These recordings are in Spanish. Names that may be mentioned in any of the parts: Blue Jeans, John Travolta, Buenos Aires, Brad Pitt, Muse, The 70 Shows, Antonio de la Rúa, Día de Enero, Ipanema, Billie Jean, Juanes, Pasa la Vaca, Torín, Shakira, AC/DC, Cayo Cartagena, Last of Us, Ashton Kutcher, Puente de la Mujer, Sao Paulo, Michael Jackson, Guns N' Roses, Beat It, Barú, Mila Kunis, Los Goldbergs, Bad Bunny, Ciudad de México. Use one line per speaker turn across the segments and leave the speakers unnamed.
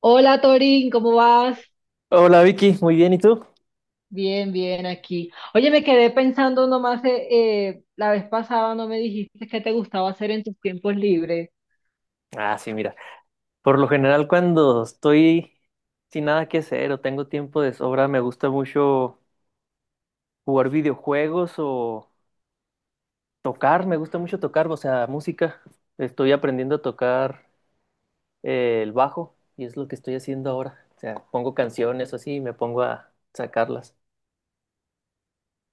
Hola Torín, ¿cómo vas?
Hola Vicky, muy bien, ¿y tú?
Bien, bien aquí. Oye, me quedé pensando nomás, la vez pasada no me dijiste qué te gustaba hacer en tus tiempos libres.
Ah, sí, mira, por lo general cuando estoy sin nada que hacer o tengo tiempo de sobra, me gusta mucho jugar videojuegos o tocar, me gusta mucho tocar, o sea, música. Estoy aprendiendo a tocar el bajo y es lo que estoy haciendo ahora. O sea, pongo canciones o así y me pongo a sacarlas.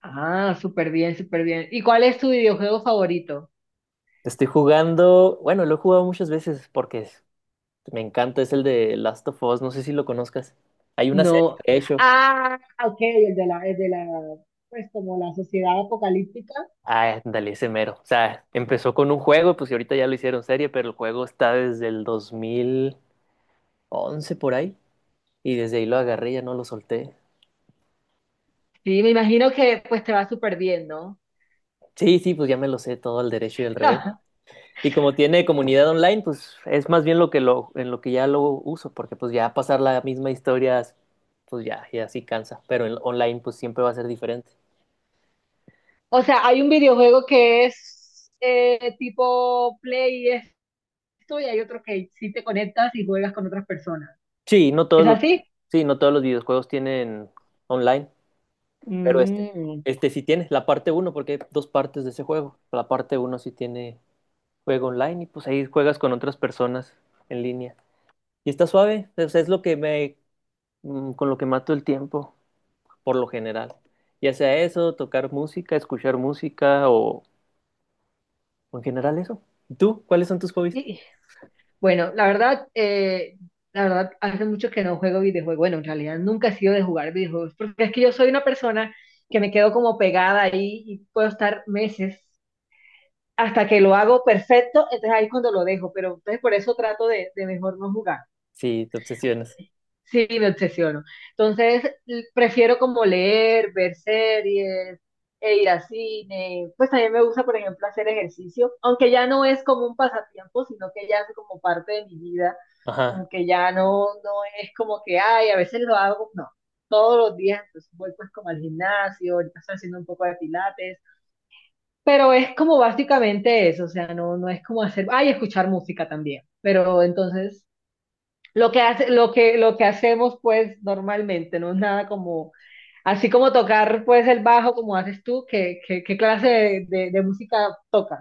Ah, súper bien, súper bien. ¿Y cuál es tu videojuego favorito?
Estoy jugando, bueno, lo he jugado muchas veces porque me encanta, es el de Last of Us, no sé si lo conozcas. Hay una serie,
No.
de hecho.
Ah, ok, el de la, pues como la sociedad apocalíptica.
Ah, ándale, ese mero. O sea, empezó con un juego, pues y ahorita ya lo hicieron serie, pero el juego está desde el dos mil once por ahí. Y desde ahí lo agarré, ya no lo solté.
Sí, me imagino que pues te va súper bien, ¿no?
Sí, sí, pues ya me lo sé todo al derecho y al revés. Y como tiene comunidad online, pues es más bien lo que lo, en lo que ya lo uso, porque pues ya pasar la misma historia, pues ya, ya sí cansa. Pero en online, pues siempre va a ser diferente.
O sea, hay un videojuego que es tipo Play y esto, y hay otro que sí te conectas y juegas con otras personas.
Sí, no todos
¿Es
los,
así?
sí, no todos los videojuegos tienen online. Pero este,
Mm.
este sí tiene la parte uno porque hay dos partes de ese juego. La parte uno sí tiene juego online y pues ahí juegas con otras personas en línea. Y está suave, o sea, es lo que me, con lo que mato el tiempo, por lo general. Ya sea eso, tocar música, escuchar música o en general eso. ¿Y tú? ¿Cuáles son tus hobbies?
Y- Bueno, la verdad, la verdad, hace mucho que no juego videojuegos. Bueno, en realidad nunca he sido de jugar videojuegos, porque es que yo soy una persona que me quedo como pegada ahí y puedo estar meses hasta que lo hago perfecto, entonces ahí es cuando lo dejo, pero entonces por eso trato de mejor no jugar.
Sí, te obsesionas.
Sí, me obsesiono. Entonces, prefiero como leer, ver series, e ir a cine. Pues también me gusta, por ejemplo, hacer ejercicio, aunque ya no es como un pasatiempo, sino que ya es como parte de mi vida.
Ajá.
Como que ya no, no es como que, ay, a veces lo hago, no. Todos los días, entonces voy pues como al gimnasio, ahorita estoy haciendo un poco de pilates, pero es como básicamente eso, o sea, no es como hacer, ay, escuchar música también, pero entonces lo que hacemos pues normalmente, no es nada como, así como tocar pues el bajo como haces tú, ¿qué clase de música tocas?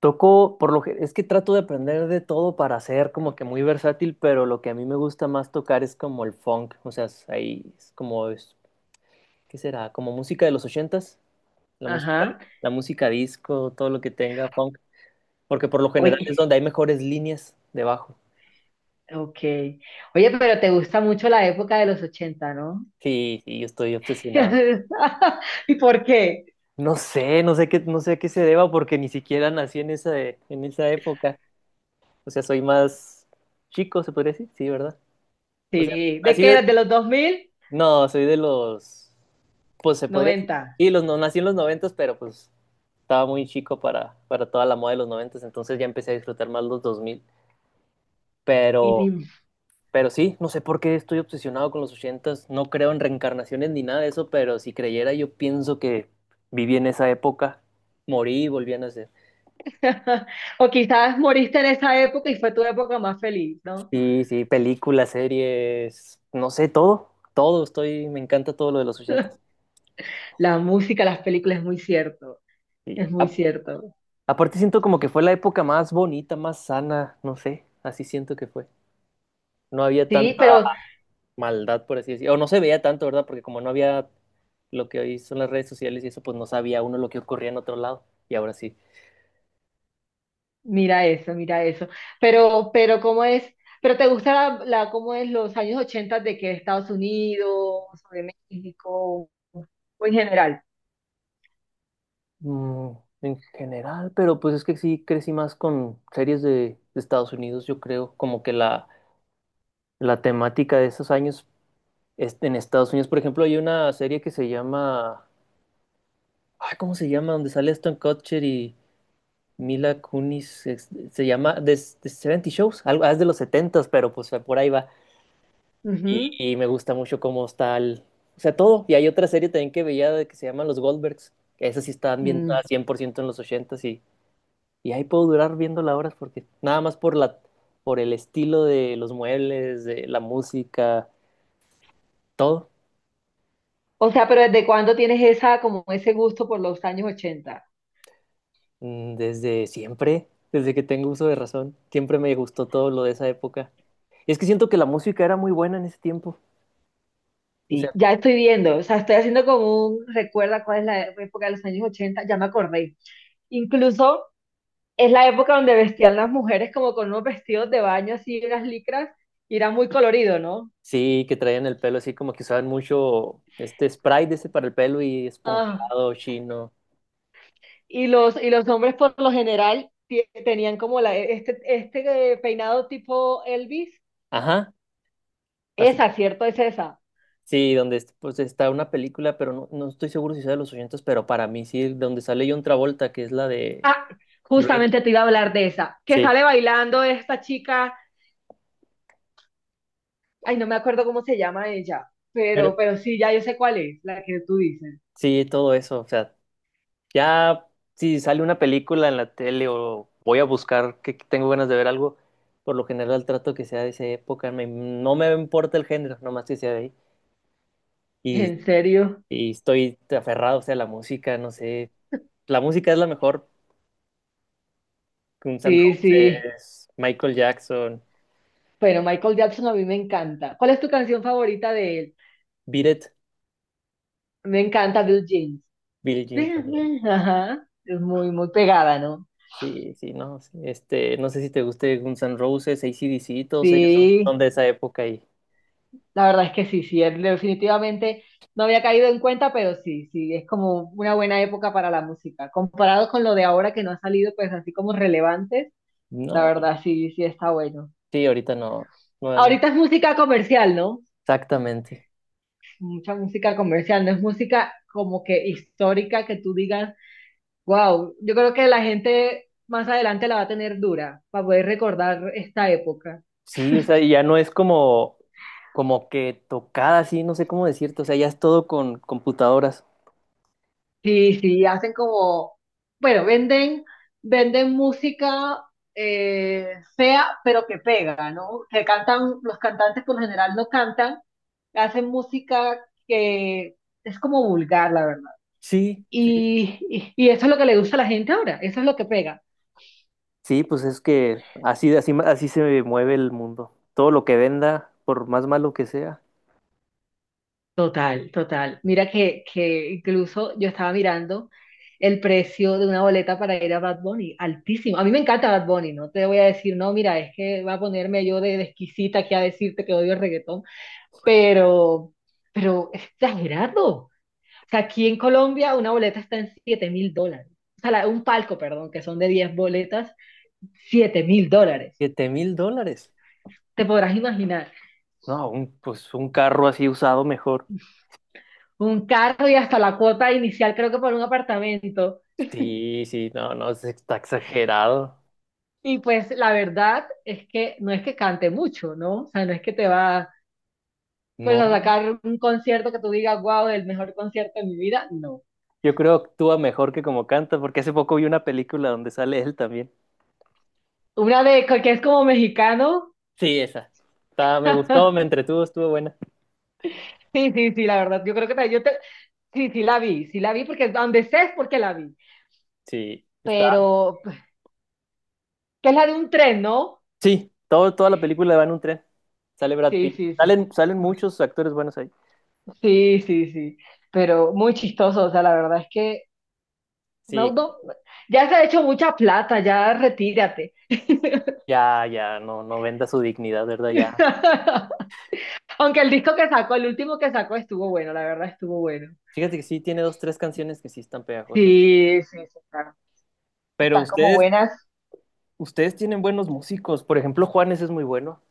Toco, por lo que, es que trato de aprender de todo para ser como que muy versátil, pero lo que a mí me gusta más tocar es como el funk, o sea, es- ahí es como es. ¿Qué será? ¿Como música de los ochentas? La música,
Ajá.
la música disco, todo lo que tenga funk. Porque por lo general
Oye,
es donde hay mejores líneas de bajo.
ok. Oye, pero te gusta mucho la época de los 80, ¿no?
Sí, sí, yo estoy obsesionado.
¿Y por qué?
No sé a qué se deba porque ni siquiera nací en esa época. O sea, soy más chico, se podría decir. Sí, ¿verdad? O sea,
Sí. ¿De
nací
qué eras?
de-
¿De los 2000?
No, soy de los... Pues se podría decir.
90.
Sí, los, no, nací en los noventas, pero pues estaba muy chico para toda la moda de los noventas. Entonces ya empecé a disfrutar más los 2000,
Y
pero...
ni-
Pero sí, no sé por qué estoy obsesionado con los ochentas, no creo en reencarnaciones ni nada de eso, pero si creyera yo pienso que viví en esa época, morí y volví a nacer.
O quizás moriste en esa época y fue tu época más feliz, ¿no?
Sí, sí, películas, series, no sé, todo, todo, estoy, me encanta todo lo de los ochentas.
La música, las películas, es muy cierto.
Y
Es muy
a-
cierto.
aparte siento como que fue la época más bonita, más sana, no sé, así siento que fue. No había
Sí,
tanta
pero,
maldad, por así decirlo, o no se veía tanto, ¿verdad? Porque como no había lo que hoy son las redes sociales y eso, pues no sabía uno lo que ocurría en otro lado, y ahora sí.
mira eso, mira eso. Pero, ¿cómo es? ¿Pero te gusta cómo es los años 80 de que Estados Unidos o de México o en general?
Mm, en general, pero pues es que sí crecí más con series de Estados Unidos, yo creo, como que la temática de esos años es- en Estados Unidos, por ejemplo, hay una serie que se llama, ay, ¿cómo se llama? Donde sale Aston Kutcher y Mila Kunis, es- se llama The 70 Shows, algo ah, es de los 70 pero pues por ahí va. Y,
Ujú.
y me gusta mucho cómo está el, o sea, todo. Y hay otra serie también que veía de- que se llama Los Goldbergs, que esas sí están
Mm.
ambientada ciento en los 80. Y ahí puedo durar viéndola horas porque nada más por la, por el estilo de los muebles, de la música, todo.
O sea, pero ¿desde cuándo tienes esa, como ese gusto por los años 80?
Desde siempre, desde que tengo uso de razón, siempre me gustó todo lo de esa época. Y es que siento que la música era muy buena en ese tiempo. O
Sí,
sea,
ya estoy viendo, o sea, estoy haciendo como un recuerda cuál es la época de los años 80. Ya me acordé. Incluso es la época donde vestían las mujeres como con unos vestidos de baño así, unas licras, y era muy colorido, ¿no?
sí, que traían el pelo así como que usaban mucho este spray de ese para el pelo y
Ah.
esponjado, chino.
Y los hombres por lo general tenían como la, peinado tipo Elvis.
Ajá, así.
Esa, ¿cierto? Es esa.
Sí, donde es- pues está una película, pero no, no estoy seguro si sea de los 80, pero para mí sí, donde sale John Travolta, que es la de
Ah,
Grey.
justamente te iba a hablar de esa, que
Sí,
sale bailando esta chica. Ay, no me acuerdo cómo se llama ella,
pero
pero sí, ya yo sé cuál es, la que tú dices.
sí, todo eso. O sea, ya si sale una película en la tele o voy a buscar que tengo ganas de ver algo, por lo general trato que sea de esa época. Me- no me importa el género, nomás que sea de ahí. Y,
¿En serio?
y estoy aferrado, o sea, a la música, no sé. La música es la mejor. Guns N'
Sí, sí.
Roses, Michael Jackson,
Bueno, Michael Jackson a mí me encanta. ¿Cuál es tu canción favorita de él?
Beat It,
Me encanta Blue Jeans.
Billie Jean también.
Ajá, es muy, muy pegada, ¿no?
Sí, sí, no. Este, no sé si te guste Guns N' Roses, AC/DC, todos ellos son,
Sí.
son de esa época y.
La verdad es que sí, sí, él definitivamente no había caído en cuenta, pero sí, sí, es como una buena época para la música. Comparado con lo de ahora que no ha salido, pues así como relevantes, la
No,
verdad sí, sí está bueno.
sí, ahorita no, no, no,
Ahorita es música comercial, ¿no?
exactamente.
Mucha música comercial, no es música como que histórica que tú digas, wow, yo creo que la gente más adelante la va a tener dura para poder recordar esta época.
Sí, o sea, y ya no es como, como que tocada, así, no sé cómo decirte, o sea, ya es todo con computadoras.
Sí, sí, hacen como, bueno, venden música fea, pero que pega, ¿no? Que cantan, los cantantes por lo general no cantan, hacen música que es como vulgar, la verdad.
Sí, sí.
Y eso es lo que le gusta a la gente ahora, eso es lo que pega.
Sí, pues es que así se mueve el mundo. Todo lo que venda, por más malo que sea.
Total, total. Mira que incluso yo estaba mirando el precio de una boleta para ir a Bad Bunny, altísimo. A mí me encanta Bad Bunny, no te voy a decir, no, mira, es que va a ponerme yo de exquisita aquí a decirte que odio el reggaetón, pero, pero es exagerado. O sea, aquí en Colombia una boleta está en $7.000. O sea, un palco, perdón, que son de 10 boletas, $7.000.
Siete mil dólares.
Te podrás imaginar.
No, un- pues un carro así usado mejor.
Un carro y hasta la cuota inicial, creo que por un apartamento.
Sí, sí, no, no, es- está exagerado.
Y pues la verdad es que no es que cante mucho, ¿no? O sea, no es que te va pues a
No.
sacar un concierto que tú digas, wow, el mejor concierto de mi vida, no.
Yo creo que actúa mejor que como canta, porque hace poco vi una película donde sale él también.
Una de que es como mexicano.
Sí, esa. Está- me gustó, me entretuvo, estuvo buena.
Sí, sí, sí, la verdad, yo creo que sí, sí la vi porque donde sé es porque la vi,
Sí, está.
pero pues, que es la de un tren, ¿no?
Sí, todo, toda la película va en un tren. Sale Brad
Sí,
Pitt.
sí, sí.
Salen muchos actores buenos ahí.
Sí, sí, sí, pero muy chistoso, o sea, la verdad es que no,
Sí,
no, ya se ha hecho mucha plata, ya retírate.
ya, ya, no, no venda su dignidad, ¿verdad? Ya.
Aunque el disco que sacó, el último que sacó estuvo bueno, la verdad estuvo bueno.
Fíjate que sí, tiene dos, tres canciones que sí están pegajosas.
Sí, sí, sí, claro.
Pero
Están como
ustedes,
buenas.
ustedes tienen buenos músicos. Por ejemplo, Juanes es muy bueno.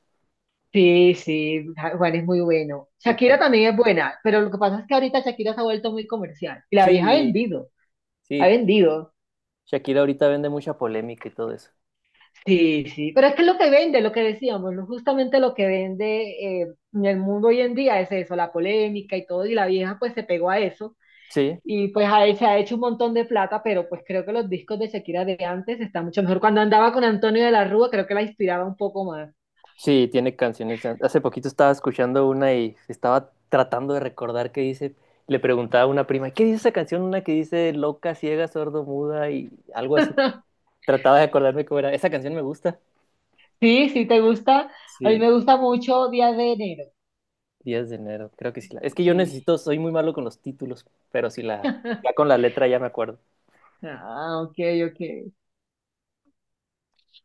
Sí, sí, Juan es muy bueno.
Sí,
Shakira
Juan.
también es buena, pero lo que pasa es que ahorita Shakira se ha vuelto muy comercial. Y la vieja ha
Sí,
vendido,
sí.
ha vendido.
Shakira ahorita vende mucha polémica y todo eso.
Sí, sí, pero es que lo que vende, lo que decíamos, justamente lo que vende en el mundo hoy en día es eso, la polémica y todo, y la vieja pues se pegó a eso.
Sí.
Y pues a él se ha hecho un montón de plata, pero pues creo que los discos de Shakira de antes están mucho mejor. Cuando andaba con Antonio de la Rúa, creo que la inspiraba un poco más.
Sí, tiene canciones. Hace poquito estaba escuchando una y estaba tratando de recordar qué dice. Le preguntaba a una prima, ¿qué dice esa canción? Una que dice loca, ciega, sordo, muda y algo así. Trataba de acordarme cómo era. Esa canción me gusta.
Sí, sí, te gusta. A mí
Sí,
me gusta mucho Día de Enero.
10 de enero. Creo que sí. La... Es que yo
Sí.
necesito, soy muy malo con los títulos, pero sí la, ya con la letra ya me acuerdo.
Ah, ok, ok.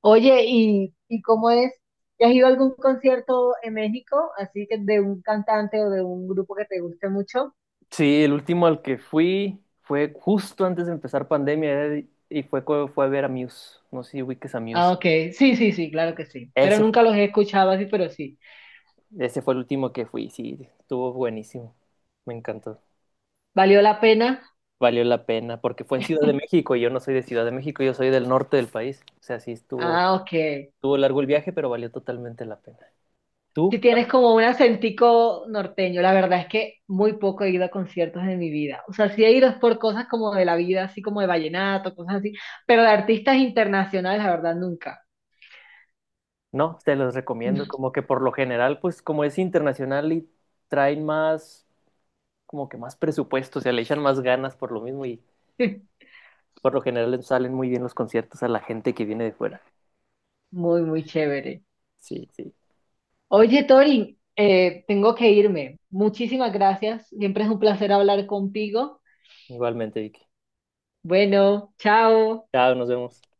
Oye, ¿y cómo es? ¿Has ido a algún concierto en México? Así que de un cantante o de un grupo que te guste mucho.
Sí, el último al que fui fue justo antes de empezar pandemia era- y fue, cu- fue a ver a Muse. No sé si ubiques a
Ah,
Muse.
ok. Sí, sí, sí, claro que sí. Pero
Ese
nunca los he escuchado así, pero sí.
Ese fue el último que fui, sí, estuvo buenísimo. Me encantó.
¿Valió la pena?
Valió la pena porque fue en Ciudad de México y yo no soy de Ciudad de México, yo soy del norte del país. O sea, sí estuvo,
Ah, ok.
estuvo largo el viaje, pero valió totalmente la pena.
Si
¿Tú?
tienes como un acentico norteño, la verdad es que muy poco he ido a conciertos en mi vida. O sea, sí he ido es por cosas como de la vida, así como de vallenato, cosas así, pero de artistas internacionales, la verdad, nunca.
No, te los recomiendo. Como que por lo general, pues como es internacional y traen más, como que más presupuesto, o sea, le echan más ganas por lo mismo y por lo general les salen muy bien los conciertos a la gente que viene de fuera.
Muy, muy chévere.
Sí, sí.
Oye, Torin, tengo que irme. Muchísimas gracias. Siempre es un placer hablar contigo.
Igualmente, Vicky.
Bueno, chao.
Chao, nos vemos.